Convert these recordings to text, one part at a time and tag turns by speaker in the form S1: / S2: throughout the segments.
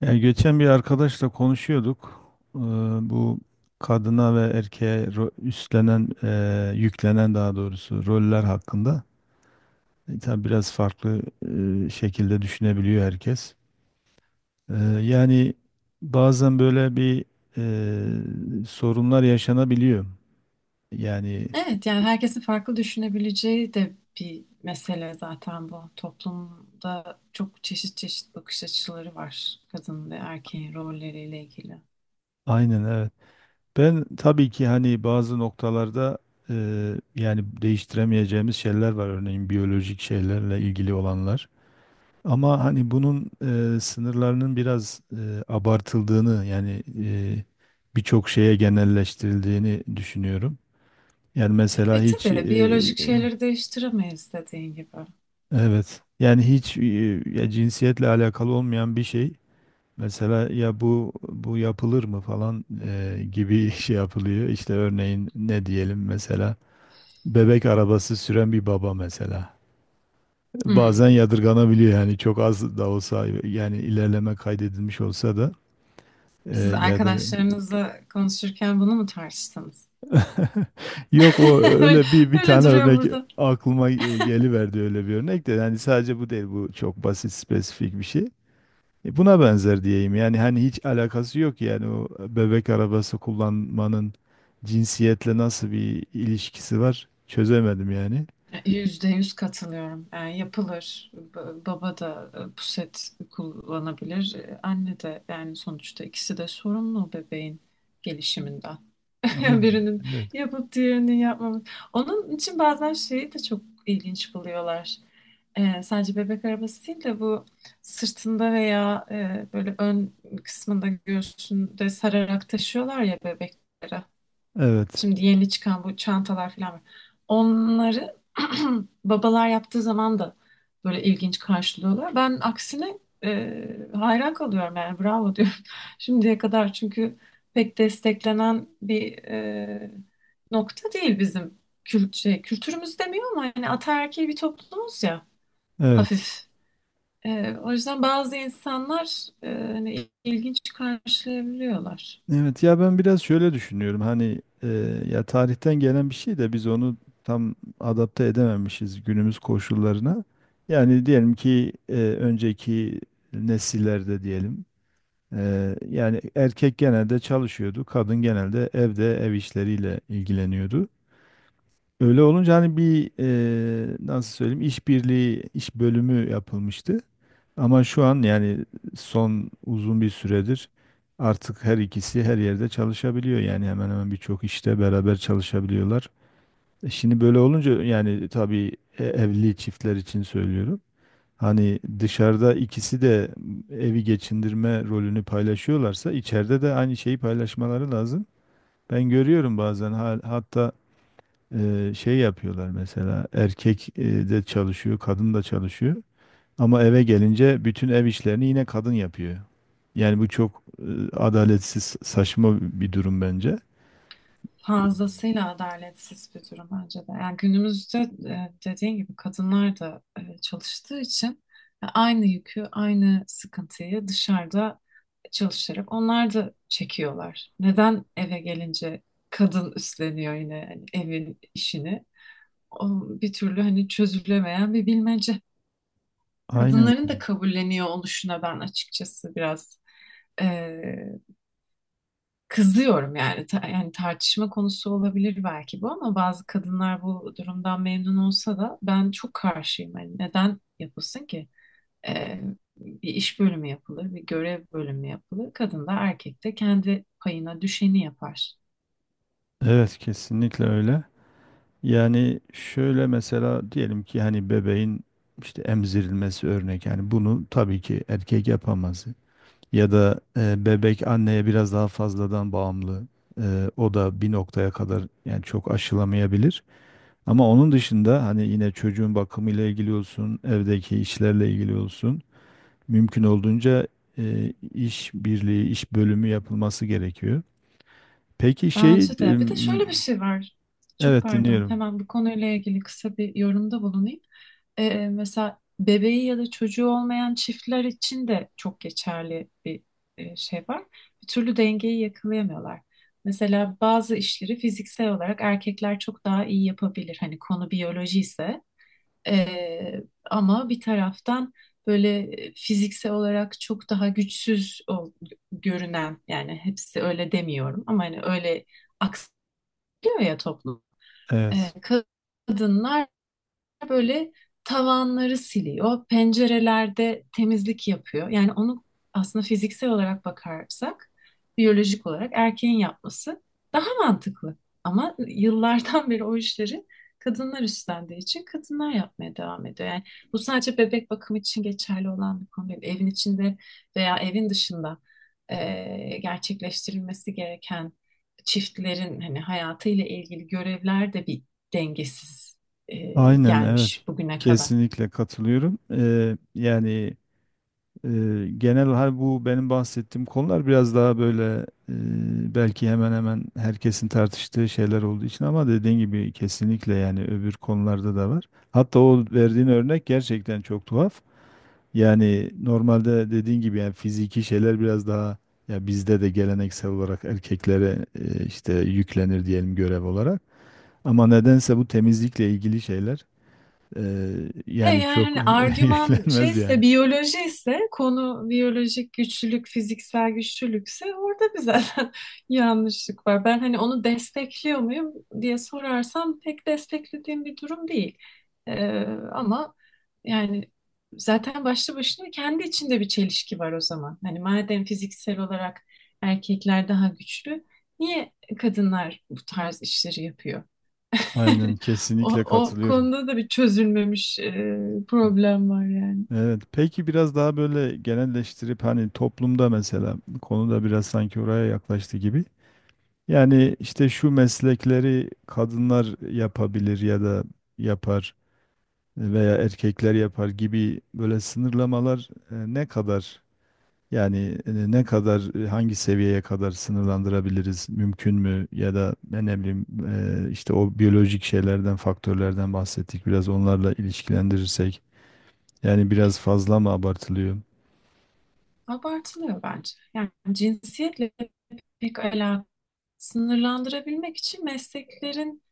S1: Ya geçen bir arkadaşla konuşuyorduk. Ee, Bu kadına ve erkeğe üstlenen, yüklenen daha doğrusu roller hakkında. Tabii biraz farklı şekilde düşünebiliyor herkes. Ee, Yani bazen böyle bir sorunlar yaşanabiliyor. Yani
S2: Evet yani herkesin farklı düşünebileceği de bir mesele zaten bu. Toplumda çok çeşit çeşit bakış açıları var kadın ve erkeğin rolleriyle ilgili.
S1: aynen evet. Ben tabii ki hani bazı noktalarda e, yani değiştiremeyeceğimiz şeyler var. Örneğin biyolojik şeylerle ilgili olanlar. Ama hani bunun sınırlarının biraz abartıldığını yani birçok şeye genelleştirildiğini düşünüyorum. Yani mesela hiç
S2: Ve biyolojik şeyleri değiştiremeyiz dediğin gibi.
S1: evet yani hiç ya cinsiyetle alakalı olmayan bir şey mesela ya bu yapılır mı falan gibi şey yapılıyor. İşte örneğin ne diyelim mesela bebek arabası süren bir baba mesela.
S2: Hmm.
S1: Bazen yadırganabiliyor yani çok az da olsa yani ilerleme kaydedilmiş olsa da. Ee,
S2: Siz
S1: ya da
S2: arkadaşlarınızla konuşurken bunu mu tartıştınız?
S1: yok, o öyle bir bir
S2: Öyle
S1: tane
S2: duruyor.
S1: örnek aklıma geliverdi. Öyle bir örnek de yani sadece bu değil, bu çok basit spesifik bir şey. Buna benzer diyeyim yani hani hiç alakası yok yani o bebek arabası kullanmanın cinsiyetle nasıl bir ilişkisi var çözemedim yani.
S2: %100 katılıyorum. Yani yapılır. Baba da puset kullanabilir. Anne de yani sonuçta ikisi de sorumlu bebeğin gelişiminden. Yani
S1: Aynen.
S2: birinin
S1: Evet.
S2: yapıp diğerinin yapmaması. Onun için bazen şeyi de çok ilginç buluyorlar. Sadece bebek arabası değil de bu sırtında veya böyle ön kısmında göğsünde sararak taşıyorlar ya bebekleri.
S1: Evet.
S2: Şimdi yeni çıkan bu çantalar falan var. Onları babalar yaptığı zaman da böyle ilginç karşılıyorlar. Ben aksine hayran kalıyorum yani bravo diyorum şimdiye kadar. Çünkü pek desteklenen bir nokta değil bizim kültürümüz demiyor ama yani ataerkil bir toplumuz ya
S1: Evet.
S2: hafif. O yüzden bazı insanlar hani ilginç karşılayabiliyorlar.
S1: Evet, ya ben biraz şöyle düşünüyorum hani ya tarihten gelen bir şey de biz onu tam adapte edememişiz günümüz koşullarına. Yani diyelim ki önceki nesillerde diyelim yani erkek genelde çalışıyordu, kadın genelde evde ev işleriyle ilgileniyordu. Öyle olunca hani bir nasıl söyleyeyim işbirliği, iş bölümü yapılmıştı. Ama şu an yani son uzun bir süredir artık her ikisi her yerde çalışabiliyor. Yani hemen hemen birçok işte beraber çalışabiliyorlar. Şimdi böyle olunca yani tabii evli çiftler için söylüyorum. Hani dışarıda ikisi de evi geçindirme rolünü paylaşıyorlarsa içeride de aynı şeyi paylaşmaları lazım. Ben görüyorum bazen hatta şey yapıyorlar, mesela erkek de çalışıyor, kadın da çalışıyor ama eve gelince bütün ev işlerini yine kadın yapıyor. Yani bu çok adaletsiz, saçma bir durum bence.
S2: Fazlasıyla adaletsiz bir durum bence de. Yani günümüzde dediğin gibi kadınlar da çalıştığı için aynı yükü, aynı sıkıntıyı dışarıda çalışarak onlar da çekiyorlar. Neden eve gelince kadın üstleniyor yine yani evin işini? O bir türlü hani çözülemeyen bir bilmece.
S1: Aynen.
S2: Kadınların da kabulleniyor oluşuna ben açıkçası biraz e, Kızıyorum yani. Yani tartışma konusu olabilir belki bu ama bazı kadınlar bu durumdan memnun olsa da ben çok karşıyım. Yani neden yapılsın ki? Ee, bir iş bölümü yapılır, bir görev bölümü yapılır. Kadın da erkek de kendi payına düşeni yapar.
S1: Evet, kesinlikle öyle. Yani şöyle mesela diyelim ki hani bebeğin işte emzirilmesi örnek, yani bunu tabii ki erkek yapamaz. Ya da bebek anneye biraz daha fazladan bağımlı. O da bir noktaya kadar, yani çok aşılamayabilir. Ama onun dışında hani yine çocuğun bakımıyla ilgili olsun, evdeki işlerle ilgili olsun, mümkün olduğunca iş birliği, iş bölümü yapılması gerekiyor. Peki
S2: Bence bir şey var. Çok
S1: evet,
S2: par-
S1: dinliyorum.
S2: hemen bu konuyla ilgili kısa bir yorumda bulunayım. Mesela bebeği ya da çocuğu olmayan çiftler için de çok geçerli bir şey var. Bir türlü dengeyi yakalayamıyorlar. Mesela bazı işleri fiziksel olarak erkekler çok daha iyi yapabilir. Hani konu biyoloji ise, E, ama bir taraftan böyle fiziksel olarak çok daha güçsüz görünen, yani hepsi öyle demiyorum ama hani öyle aksıyor ya toplum. E,
S1: Evet,
S2: kadınlar böyle tavanları siliyor, pencerelerde temizlik yapıyor. Yani onu aslında fiziksel olarak bakarsak, biyolojik olarak erkeğin yapması daha mantıklı. Ama yıllardan beri o işleri kadınlar üstlendiği için kadınlar yapmaya devam ediyor. Yani bu sadece bebek bakımı için geçerli olan bir konu değil. Evin içinde veya evin dışında gerçekleştirilmesi gereken çiftlerin hani hayatıyla ilgili görevler de bir dengesiz, e,
S1: aynen evet.
S2: bugüne kadar.
S1: Kesinlikle katılıyorum. E, Genel hal bu, benim bahsettiğim konular biraz daha böyle belki hemen hemen herkesin tartıştığı şeyler olduğu için, ama dediğin gibi kesinlikle yani öbür konularda da var. Hatta o verdiğin örnek gerçekten çok tuhaf. Yani normalde dediğin gibi yani fiziki şeyler biraz daha, ya bizde de geleneksel olarak erkeklere işte yüklenir diyelim görev olarak. Ama nedense bu temizlikle ilgili şeyler e,
S2: E
S1: yani
S2: yani
S1: çok
S2: hani argüman
S1: yüklenmez yani.
S2: ise, biyoloji ise, konu biyolojik güçlülük, fiziksel güçlülükse orada bir zaten yanlışlık var. Ben hani onu destekliyor muyum diye sorarsam pek desteklediğim bir durum değil. E, ama yani zaten başlı başına kendi içinde bir çelişki var o zaman. Hani madem fiziksel olarak erkekler daha güçlü, niye kadınlar bu tarz işleri yapıyor?
S1: Aynen,
S2: O,
S1: kesinlikle
S2: o
S1: katılıyorum.
S2: konuda da bir çözülmemiş problem var yani.
S1: Evet, peki biraz daha böyle genelleştirip hani toplumda, mesela konuda biraz sanki oraya yaklaştı gibi. Yani işte şu meslekleri kadınlar yapabilir ya da yapar veya erkekler yapar gibi böyle sınırlamalar ne kadar, yani ne kadar, hangi seviyeye kadar sınırlandırabiliriz, mümkün mü, ya da ben ne bileyim işte o biyolojik şeylerden, faktörlerden bahsettik, biraz onlarla ilişkilendirirsek yani biraz fazla mı abartılıyor?
S2: Abartılıyor bence. Yani cinsiyetle pek alakalı. Sınırlandırabilmek için mesleklerin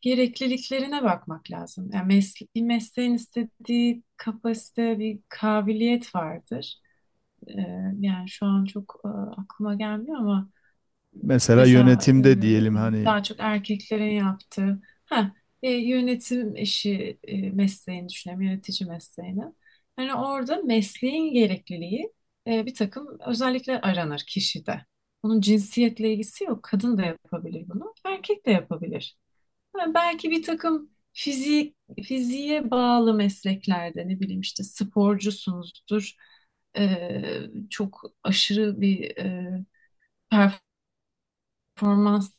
S2: gerekliliklerine bakmak lazım. Yani bir mesleğin istediği kapasite, bir kabiliyet vardır. Ee, yani şu an çok aklıma gelmiyor ama
S1: Mesela yönetimde diyelim hani.
S2: daha çok erkeklerin yaptığı ha yönetim işi, mesleğini düşünelim, yönetici mesleğini. Hani orada mesleğin gerekliliği, bir takım özellikler aranır kişide. Bunun cinsiyetle ilgisi yok. Kadın da yapabilir bunu, erkek de yapabilir. Ha, belki bir takım fiziğe bağlı mesleklerde, ne bileyim işte sporcusunuzdur. E, çok aşırı bir performans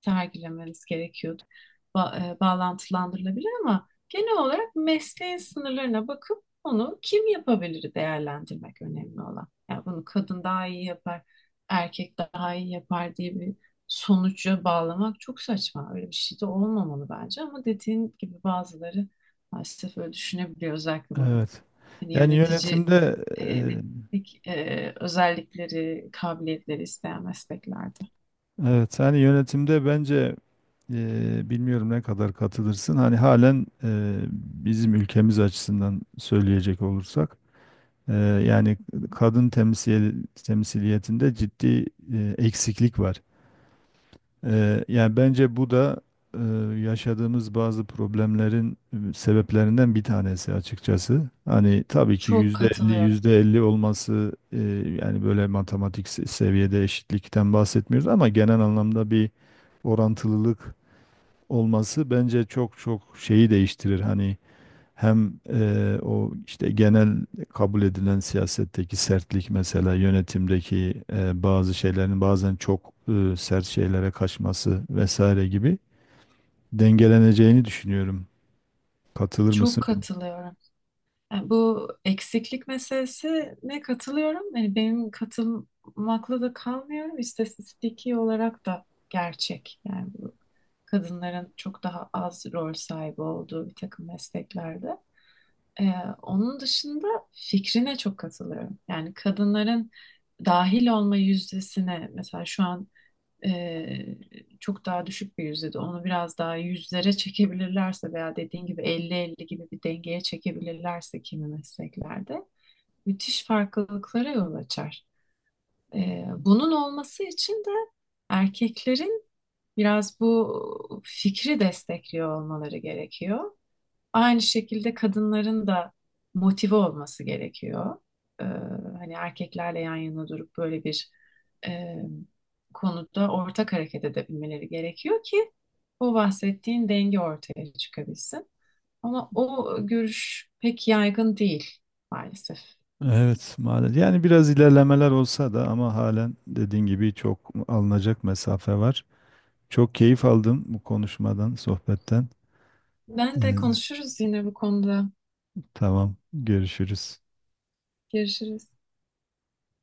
S2: sergilemeniz gerekiyordu. Bağlantılandırılabilir ama genel olarak mesleğin sınırlarına bakıp onu kim yapabilir değerlendirmek önemli olan. Yani bunu kadın daha iyi yapar, erkek daha iyi yapar diye bir sonuca bağlamak çok saçma. Öyle bir şey de olmamalı bence ama dediğin gibi bazıları maalesef öyle düşünebiliyor. Özellikle bu
S1: Evet,
S2: hani
S1: yani yönetimde
S2: yöneticilik özellikleri, kabiliyetleri isteyen mesleklerde.
S1: evet, hani yönetimde bence bilmiyorum ne kadar katılırsın, hani halen bizim ülkemiz açısından söyleyecek olursak e, yani kadın temsiliyetinde ciddi eksiklik var. Yani bence bu da eee, yaşadığımız bazı problemlerin sebeplerinden bir tanesi açıkçası. Hani tabii ki %50 %50 olması yani böyle matematik seviyede eşitlikten bahsetmiyoruz ama genel anlamda bir orantılılık olması bence çok çok şeyi değiştirir. Hani hem o işte genel kabul edilen siyasetteki sertlik, mesela yönetimdeki bazı şeylerin bazen çok sert şeylere kaçması vesaire gibi dengeleneceğini düşünüyorum. Katılır
S2: Çok
S1: mısın, bilmiyorum.
S2: katılıyorum. Yani bu eksiklik meselesine katılıyorum. Yani benim katılmakla da kalmıyorum. İstatistiki olarak da gerçek. Yani bu kadınların çok daha az rol sahibi olduğu bir takım mesleklerde. Ee, onun dışında fikrine çok katılıyorum. Yani kadınların dahil olma yüzdesine, mesela şu an e, çok daha düşük bir yüzde, onu biraz daha yüzlere çekebilirlerse veya dediğin gibi 50-50 gibi bir dengeye çekebilirlerse kimi mesleklerde müthiş farklılıklara yol açar. Bunun olması için de erkeklerin biraz bu fikri destekliyor olmaları gerekiyor. Aynı şekilde kadınların da motive olması gerekiyor. Ee, hani erkeklerle yan yana durup böyle bir e, konuda ortak hareket edebilmeleri gerekiyor ki o bahsettiğin denge ortaya çıkabilsin. Ama o görüş pek yaygın değil maalesef.
S1: Evet, maalesef. Yani biraz ilerlemeler olsa da ama halen dediğin gibi çok alınacak mesafe var. Çok keyif aldım bu konuşmadan, sohbetten.
S2: Ben de
S1: Eee,
S2: konuşuruz yine bu konuda.
S1: tamam, görüşürüz.
S2: Görüşürüz.